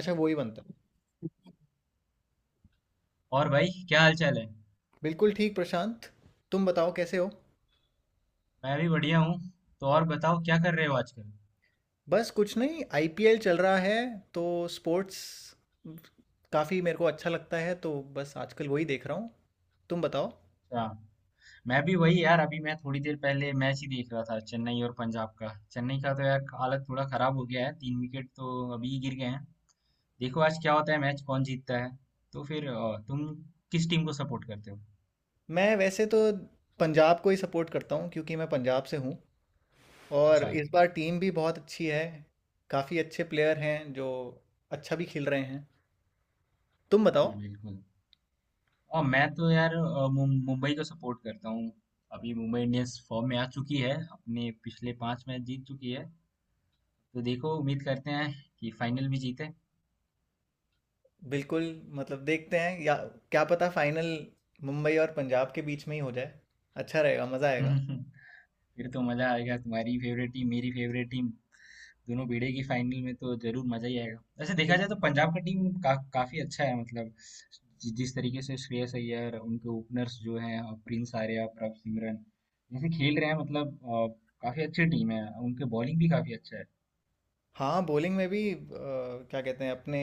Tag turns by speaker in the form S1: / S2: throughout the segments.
S1: अच्छा वो ही बनता है।
S2: और भाई क्या हाल चाल है।
S1: बिल्कुल ठीक प्रशांत। तुम बताओ कैसे हो।
S2: मैं भी बढ़िया हूँ। तो और बताओ क्या कर रहे हो आजकल।
S1: बस कुछ नहीं, आईपीएल चल रहा है तो स्पोर्ट्स काफ़ी मेरे को अच्छा लगता है तो बस आजकल वही देख रहा हूँ। तुम बताओ।
S2: अच्छा। मैं भी वही यार, अभी मैं थोड़ी देर पहले मैच ही देख रहा था, चेन्नई और पंजाब का। चेन्नई का तो यार हालत थोड़ा खराब हो गया है, तीन विकेट तो अभी ही गिर गए हैं। देखो आज क्या होता है, मैच कौन जीतता है। तो फिर तुम किस टीम को सपोर्ट करते हो।
S1: मैं वैसे तो पंजाब को ही सपोर्ट करता हूँ क्योंकि मैं पंजाब से हूँ। और
S2: अच्छा।
S1: इस बार टीम भी बहुत अच्छी है। काफ़ी अच्छे प्लेयर हैं जो अच्छा भी खेल रहे हैं। तुम बताओ।
S2: बिल्कुल बिल्कुल। और मैं तो यार मुंबई को सपोर्ट करता हूँ। अभी मुंबई इंडियंस फॉर्म में आ चुकी है, अपने पिछले पांच मैच जीत चुकी है। तो देखो उम्मीद करते हैं कि फाइनल भी जीते।
S1: बिल्कुल। मतलब देखते हैं या, क्या पता फाइनल मुंबई और पंजाब के बीच में ही हो जाए, अच्छा रहेगा, मज़ा आएगा।
S2: हम्म, फिर तो मजा आएगा, तुम्हारी फेवरेट टीम मेरी फेवरेट टीम दोनों भिड़ेगी फाइनल में तो जरूर मजा ही आएगा। वैसे देखा जाए तो
S1: बिल्कुल।
S2: पंजाब का टीम का काफी अच्छा है मतलब। जिस तरीके से श्रेयस अय्यर उनके ओपनर्स जो हैं और प्रिंस आर्या प्रभ सिमरन जैसे खेल रहे हैं, मतलब काफी अच्छी टीम है। उनके बॉलिंग भी काफी अच्छा है।
S1: हाँ, बॉलिंग में भी क्या कहते हैं अपने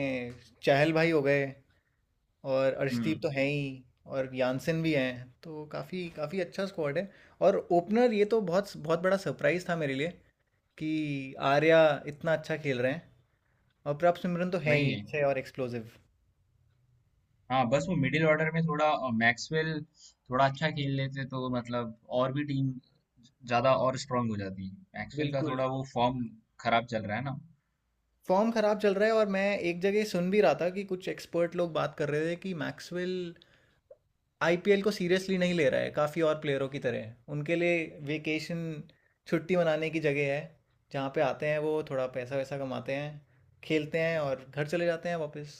S1: चहल भाई हो गए, और
S2: हम्म
S1: अर्शदीप तो हैं ही और यानसेन भी हैं, तो काफ़ी काफ़ी अच्छा स्क्वाड है। और ओपनर ये तो बहुत बहुत बड़ा सरप्राइज़ था मेरे लिए कि आर्या इतना अच्छा खेल रहे हैं। और प्रभ सिमरन तो हैं
S2: वही
S1: ही
S2: है।
S1: अच्छे और एक्सप्लोसिव।
S2: हाँ बस वो मिडिल ऑर्डर में थोड़ा मैक्सवेल थोड़ा अच्छा खेल लेते तो मतलब और भी टीम ज्यादा और स्ट्रांग हो जाती। मैक्सवेल का
S1: बिल्कुल।
S2: थोड़ा वो फॉर्म खराब चल रहा है ना।
S1: फॉर्म खराब चल रहा है, और मैं एक जगह सुन भी रहा था कि कुछ एक्सपर्ट लोग बात कर रहे थे कि मैक्सवेल आईपीएल को सीरियसली नहीं ले रहा है, काफ़ी और प्लेयरों की तरह उनके लिए वेकेशन, छुट्टी मनाने की जगह है, जहाँ पे आते हैं वो थोड़ा पैसा वैसा कमाते हैं, खेलते हैं और घर चले जाते हैं वापस।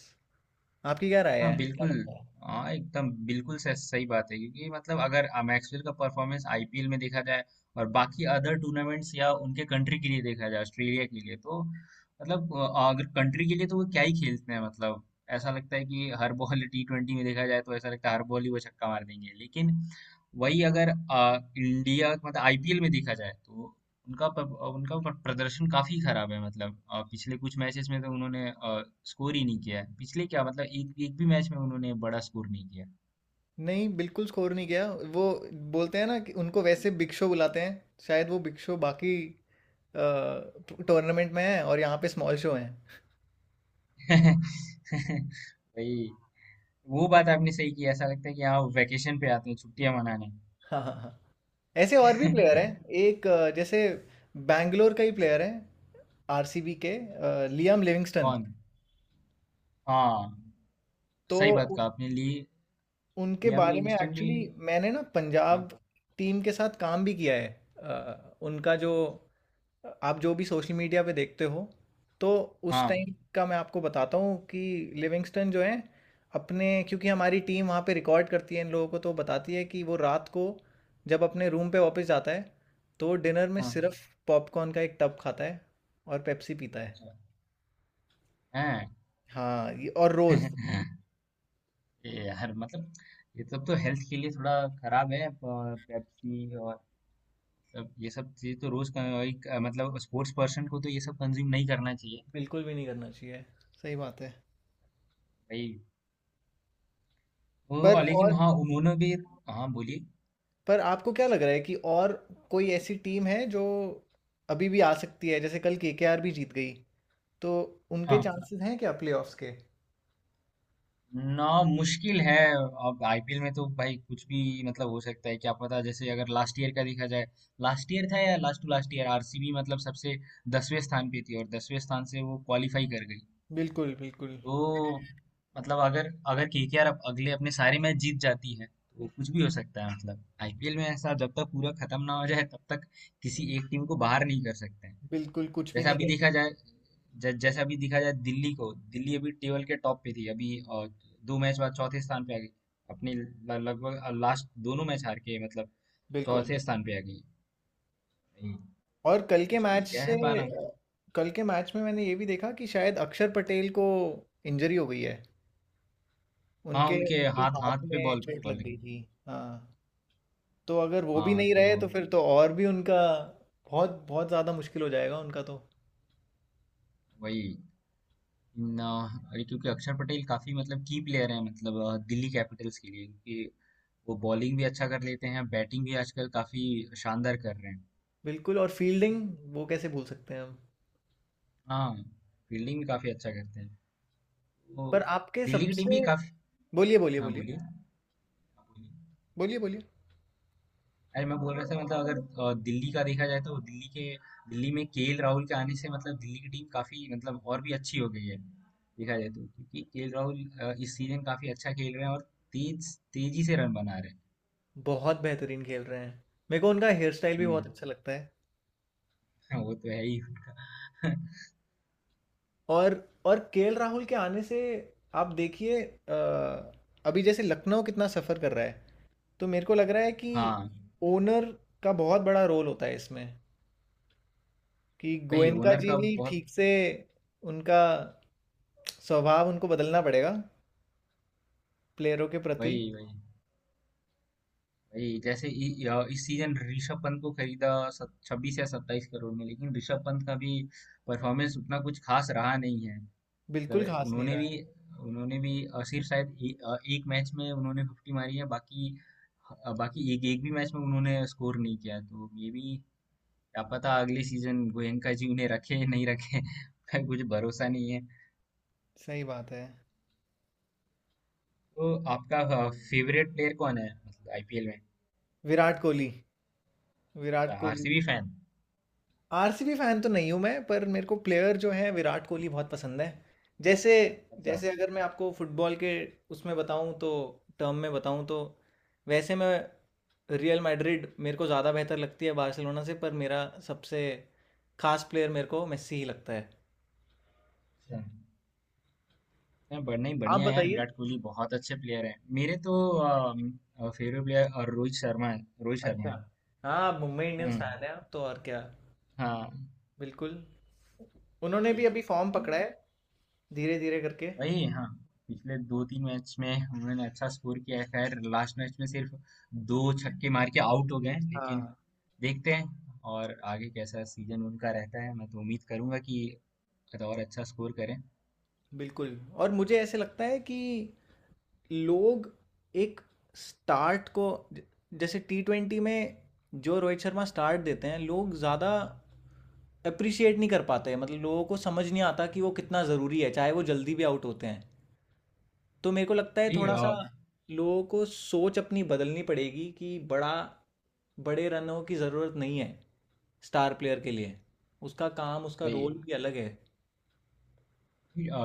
S1: आपकी क्या राय
S2: हाँ,
S1: है, क्या
S2: बिल्कुल।
S1: लगता है?
S2: हाँ, एकदम बिल्कुल स सही बात है क्योंकि मतलब अगर मैक्सवेल का परफॉर्मेंस आईपीएल में देखा जाए और बाकी अदर टूर्नामेंट्स या उनके कंट्री के लिए देखा जाए, ऑस्ट्रेलिया के लिए, तो मतलब अगर कंट्री के लिए तो वो क्या ही खेलते हैं मतलब। ऐसा लगता है कि हर बॉल, T20 में देखा जाए तो ऐसा लगता है हर बॉल ही वो छक्का मार देंगे। लेकिन वही अगर इंडिया मतलब आईपीएल में देखा जाए तो उनका प- प्रदर्शन काफी खराब है, मतलब पिछले कुछ मैचेस में तो उन्होंने स्कोर ही नहीं किया है। पिछले क्या मतलब एक एक भी मैच में उन्होंने बड़ा स्कोर नहीं किया।
S1: नहीं, बिल्कुल स्कोर नहीं किया। वो बोलते हैं ना कि उनको वैसे बिग शो बुलाते हैं, शायद वो बिग शो बाकी टूर्नामेंट में है और यहाँ पे स्मॉल शो है।
S2: भाई, वो बात आपने सही की। ऐसा लगता है कि हाँ वेकेशन पे आते हैं छुट्टियां मनाने।
S1: हाँ हाँ हाँ। ऐसे और भी प्लेयर हैं, एक जैसे बैंगलोर का ही प्लेयर है आरसीबी के, लियाम लिविंगस्टन।
S2: कौन। हाँ,
S1: तो
S2: सही बात
S1: उ-
S2: कहा आपने। ली
S1: उनके
S2: लियाम
S1: बारे में
S2: लिंगस्टन भी।
S1: एक्चुअली मैंने ना
S2: हाँ
S1: पंजाब टीम के साथ काम भी किया है। उनका जो, आप जो भी सोशल मीडिया पे देखते हो, तो उस
S2: हाँ
S1: टाइम का मैं आपको बताता हूँ कि लिविंगस्टन जो है अपने, क्योंकि हमारी टीम वहाँ पे रिकॉर्ड करती है इन लोगों को, तो बताती है कि वो रात को जब अपने रूम पे वापस जाता है तो डिनर में
S2: हाँ।
S1: सिर्फ पॉपकॉर्न का एक टब खाता है और पेप्सी पीता है।
S2: अच्छा। हैं।
S1: हाँ, ये और रोज़।
S2: ये यार मतलब ये सब तो हेल्थ के लिए थोड़ा खराब है। पेप्सी और अब ये सब चीज़ तो रोज का, भाई मतलब स्पोर्ट्स पर्सन को तो ये सब कंज्यूम नहीं करना चाहिए।
S1: बिल्कुल भी नहीं करना चाहिए, सही बात है।
S2: भाई वो
S1: पर
S2: और
S1: और
S2: लेकिन हाँ उन्होंने भी। हाँ बोलिए।
S1: पर आपको क्या लग रहा है कि और कोई ऐसी टीम है जो अभी भी आ सकती है, जैसे कल केकेआर भी जीत गई, तो उनके
S2: हाँ,
S1: चांसेस हैं क्या प्लेऑफ्स के?
S2: ना, मुश्किल है। अब आईपीएल में तो भाई कुछ भी, मतलब हो सकता है क्या पता। जैसे अगर लास्ट ईयर का देखा जाए, लास्ट ईयर था या last to last year, RCB मतलब सबसे 10वें स्थान पे थी और 10वें स्थान से वो क्वालिफाई कर गई।
S1: बिल्कुल बिल्कुल।
S2: तो मतलब अगर अगर केकेआर अब अगले अपने सारे मैच जीत जाती है तो कुछ भी हो सकता है। मतलब आईपीएल में ऐसा जब तक पूरा खत्म ना हो जाए तब तक किसी एक टीम को बाहर नहीं कर सकते हैं।
S1: बिल्कुल कुछ भी
S2: जैसा
S1: नहीं
S2: अभी
S1: कह
S2: देखा जाए,
S1: सकते।
S2: जैसा अभी देखा जाए दिल्ली को, दिल्ली अभी टेबल के टॉप पे थी, अभी दो मैच बाद चौथे स्थान पे आ गई, अपनी लगभग लास्ट दोनों मैच हार के, मतलब
S1: बिल्कुल।
S2: चौथे स्थान पे आ गई। भाई,
S1: और कल के
S2: कुछ भी
S1: मैच
S2: क्या
S1: से,
S2: है पाना।
S1: अ, कल के मैच में मैंने ये भी देखा कि शायद अक्षर पटेल को इंजरी हो गई है,
S2: हाँ
S1: उनके,
S2: उनके
S1: उनके
S2: हाथ
S1: हाथ
S2: हाथ पे
S1: में
S2: बॉल
S1: चोट लग
S2: बॉलिंग।
S1: गई थी। हाँ, तो अगर वो भी
S2: हाँ
S1: नहीं रहे
S2: तो
S1: तो फिर तो और भी उनका बहुत बहुत ज़्यादा मुश्किल हो जाएगा उनका तो।
S2: वही ना। अरे क्योंकि अक्षर पटेल काफी मतलब की प्लेयर हैं, मतलब दिल्ली कैपिटल्स के लिए, क्योंकि वो बॉलिंग भी अच्छा कर लेते हैं, बैटिंग भी आजकल काफी शानदार कर रहे हैं।
S1: बिल्कुल। और फील्डिंग, वो कैसे भूल सकते हैं हम।
S2: हाँ, फील्डिंग भी काफी अच्छा करते हैं। तो
S1: पर आपके
S2: दिल्ली की टीम भी
S1: सबसे,
S2: काफी।
S1: बोलिए, बोलिए,
S2: हाँ
S1: बोलिए।
S2: बोलिए। हाँ, बोलिए।
S1: बोलिए, बोलिए।
S2: अरे मैं बोल रहा था मतलब अगर दिल्ली का देखा जाए तो दिल्ली के, दिल्ली में केएल राहुल के आने से मतलब दिल्ली की टीम काफी मतलब और भी अच्छी हो गई है देखा जाए तो, क्योंकि केएल राहुल इस सीजन काफी अच्छा खेल रहे हैं और तेज तेजी से रन बना रहे हैं।
S1: बहुत बेहतरीन खेल रहे हैं। मेरे को उनका हेयर स्टाइल भी बहुत
S2: हम्म।
S1: अच्छा लगता है।
S2: हाँ, वो तो है ही।
S1: और और केएल राहुल के आने से आप देखिए, अभी जैसे लखनऊ कितना सफ़र कर रहा है, तो मेरे को लग रहा है कि
S2: हाँ,
S1: ओनर का बहुत बड़ा रोल होता है इसमें, कि
S2: वही
S1: गोयनका
S2: ओनर
S1: जी
S2: का
S1: भी
S2: बहुत।
S1: ठीक से, उनका स्वभाव उनको बदलना पड़ेगा प्लेयरों के प्रति।
S2: वही वही वही। जैसे इ, इ- इस सीजन ऋषभ पंत को खरीदा 26 या 27 करोड़ में, लेकिन ऋषभ पंत का भी परफॉर्मेंस उतना कुछ खास रहा नहीं है।
S1: बिल्कुल
S2: मतलब
S1: घास नहीं
S2: उन्होंने
S1: रहा
S2: भी
S1: है।
S2: उन्होंने भी सिर्फ शायद एक मैच में उन्होंने 50 मारी है, बाकी अ, बाकी एक एक भी मैच में उन्होंने स्कोर नहीं किया। तो ये भी क्या पता अगले सीजन गोयनका जी उन्हें रखे नहीं रखे। कुछ भरोसा नहीं है।
S1: सही बात है।
S2: तो आपका फेवरेट प्लेयर कौन है, मतलब आईपीएल में।
S1: विराट कोहली। विराट
S2: अच्छा,
S1: Kohli.
S2: RCB fan.
S1: RCB fan तो नहीं हूं मैं, पर मेरे को प्लेयर जो है विराट कोहली बहुत पसंद है। जैसे,
S2: अच्छा।
S1: जैसे अगर मैं आपको फुटबॉल के उसमें बताऊं तो, टर्म में बताऊं तो, वैसे मैं, रियल मैड्रिड मेरे को ज़्यादा बेहतर लगती है बार्सिलोना से, पर मेरा सबसे खास प्लेयर मेरे को मेस्सी ही लगता है।
S2: अच्छा। नहीं,
S1: आप
S2: बढ़िया है यार।
S1: बताइए।
S2: विराट कोहली बहुत अच्छे प्लेयर हैं। मेरे तो फेवरेट प्लेयर और रोहित शर्मा है, रोहित शर्मा
S1: अच्छा।
S2: है।
S1: हाँ, आप मुंबई इंडियंस
S2: हम्म।
S1: फैन है आप तो, और क्या।
S2: हाँ।
S1: बिल्कुल। उन्होंने भी
S2: ये-
S1: अभी फॉर्म पकड़ा है धीरे धीरे करके।
S2: वही। हाँ, पिछले दो तीन मैच में उन्होंने अच्छा स्कोर किया है, खैर लास्ट मैच में सिर्फ दो छक्के मार के आउट हो गए हैं, लेकिन
S1: हाँ।
S2: देखते हैं और आगे कैसा सीजन उनका रहता है। मैं तो उम्मीद करूंगा कि और अच्छा स्कोर करें।
S1: बिल्कुल। और मुझे ऐसे लगता है कि लोग एक स्टार्ट को, ज- जैसे T20 में जो रोहित शर्मा स्टार्ट देते हैं, लोग ज़्यादा अप्रिशिएट नहीं कर पाते हैं। मतलब लोगों को समझ नहीं आता कि वो कितना ज़रूरी है, चाहे वो जल्दी भी आउट होते हैं। तो मेरे को लगता है
S2: वही
S1: थोड़ा सा लोगों को सोच अपनी बदलनी पड़ेगी कि बड़ा बड़े रनों की ज़रूरत नहीं है स्टार प्लेयर के लिए, उसका काम, उसका
S2: वही
S1: रोल भी अलग है।
S2: वही,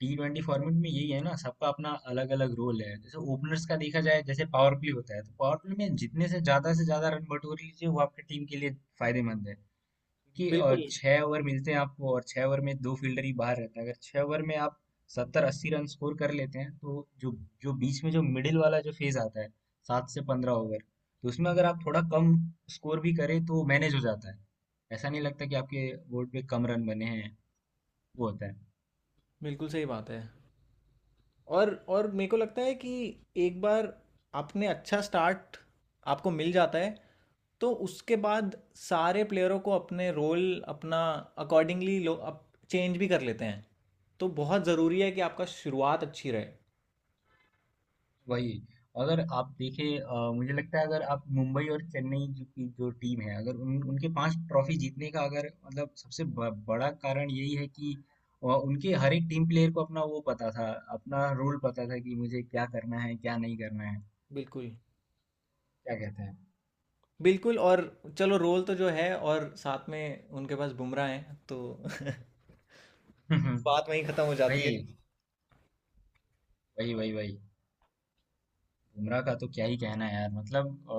S2: टी ट्वेंटी फॉर्मेट में यही है ना, सबका अपना अलग अलग रोल है। जैसे ओपनर्स का देखा जाए, जैसे पावर प्ले होता है तो पावर प्ले में जितने से ज्यादा रन बटोर लीजिए वो आपकी टीम के लिए फायदेमंद है। क्योंकि
S1: बिल्कुल
S2: छह ओवर मिलते हैं आपको, और 6 ओवर में दो फील्डर ही बाहर रहते हैं। अगर 6 ओवर में आप 70 80 रन स्कोर कर लेते हैं तो जो जो बीच में जो मिडिल वाला जो फेज आता है, 7 से 15 ओवर, तो उसमें अगर आप थोड़ा कम स्कोर भी करें तो मैनेज हो जाता है, ऐसा नहीं लगता कि आपके बोर्ड पे कम रन बने हैं। वो होता है।
S1: बिल्कुल सही बात है। और मेरे को लगता है कि एक बार आपने अच्छा स्टार्ट आपको मिल जाता है, तो उसके बाद सारे प्लेयरों को अपने रोल अपना अकॉर्डिंगली लोग अप चेंज भी कर लेते हैं। तो बहुत ज़रूरी है कि आपका शुरुआत अच्छी रहे।
S2: वही। अगर आप देखें मुझे लगता है अगर आप मुंबई और चेन्नई जो की जो टीम है, अगर उनके पांच ट्रॉफी जीतने का अगर मतलब सबसे बड़ा कारण यही है कि उनके हर एक टीम प्लेयर को अपना वो पता था, अपना रोल पता था कि मुझे क्या करना है क्या नहीं करना है।
S1: बिल्कुल
S2: क्या कहते हैं।
S1: बिल्कुल। और चलो, रोल तो जो है, और साथ में उनके पास बुमराह हैं तो बात वहीं ख़त्म हो जाती है।
S2: वही वही वही वही। बुमराह का तो क्या ही कहना है यार, मतलब अ,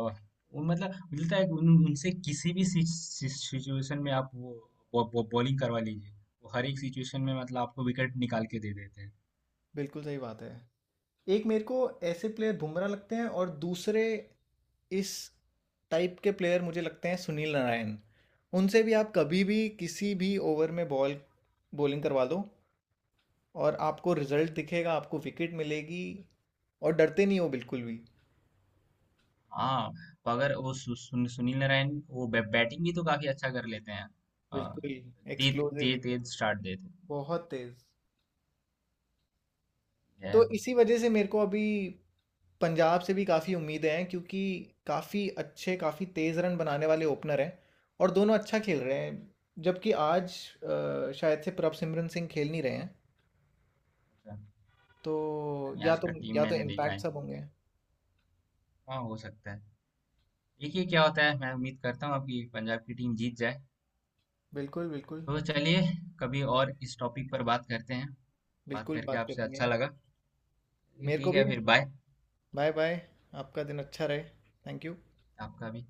S2: वो मतलब मिलता है कि उनसे किसी भी सिचुएशन में आप वो बॉ, बॉ, बॉलिंग करवा लीजिए, वो हर एक सिचुएशन में मतलब आपको विकेट निकाल के दे देते हैं।
S1: बिल्कुल सही बात है। एक मेरे को ऐसे प्लेयर बुमराह लगते हैं, और दूसरे इस टाइप के प्लेयर मुझे लगते हैं सुनील नारायण। उनसे भी आप कभी भी किसी भी ओवर में बॉल, बॉलिंग करवा दो और आपको रिजल्ट दिखेगा, आपको विकेट मिलेगी, और डरते नहीं हो बिल्कुल भी।
S2: हाँ अगर वो सुनील नारायण वो बैटिंग भी तो काफी अच्छा कर लेते हैं। अ,
S1: बिल्कुल।
S2: तेज
S1: एक्सप्लोसिव
S2: तेज
S1: एकदम।
S2: तेज स्टार्ट देते हैं।
S1: बहुत तेज।
S2: है।
S1: तो इसी वजह से मेरे को अभी पंजाब से भी काफ़ी उम्मीदें हैं, क्योंकि काफ़ी अच्छे, काफ़ी तेज़ रन बनाने वाले ओपनर हैं और दोनों अच्छा खेल रहे हैं। जबकि आज शायद से प्रभसिमरन सिंह खेल नहीं रहे हैं,
S2: अच्छा,
S1: तो
S2: यानी
S1: या
S2: आज का
S1: तो
S2: टीम
S1: या तो
S2: मैंने देखा
S1: इम्पैक्ट
S2: है।
S1: सब होंगे।
S2: हाँ हो सकता है। देखिए क्या होता है। मैं उम्मीद करता हूँ आपकी पंजाब की टीम जीत जाए।
S1: बिल्कुल बिल्कुल।
S2: तो चलिए, कभी और इस टॉपिक पर बात करते हैं। बात
S1: बिल्कुल
S2: करके
S1: बात
S2: आपसे
S1: करेंगे।
S2: अच्छा लगा। चलिए,
S1: मेरे को
S2: ठीक
S1: भी।
S2: है फिर बाय।
S1: Bye bye. आपका दिन अच्छा रहे। Thank you.
S2: आपका भी।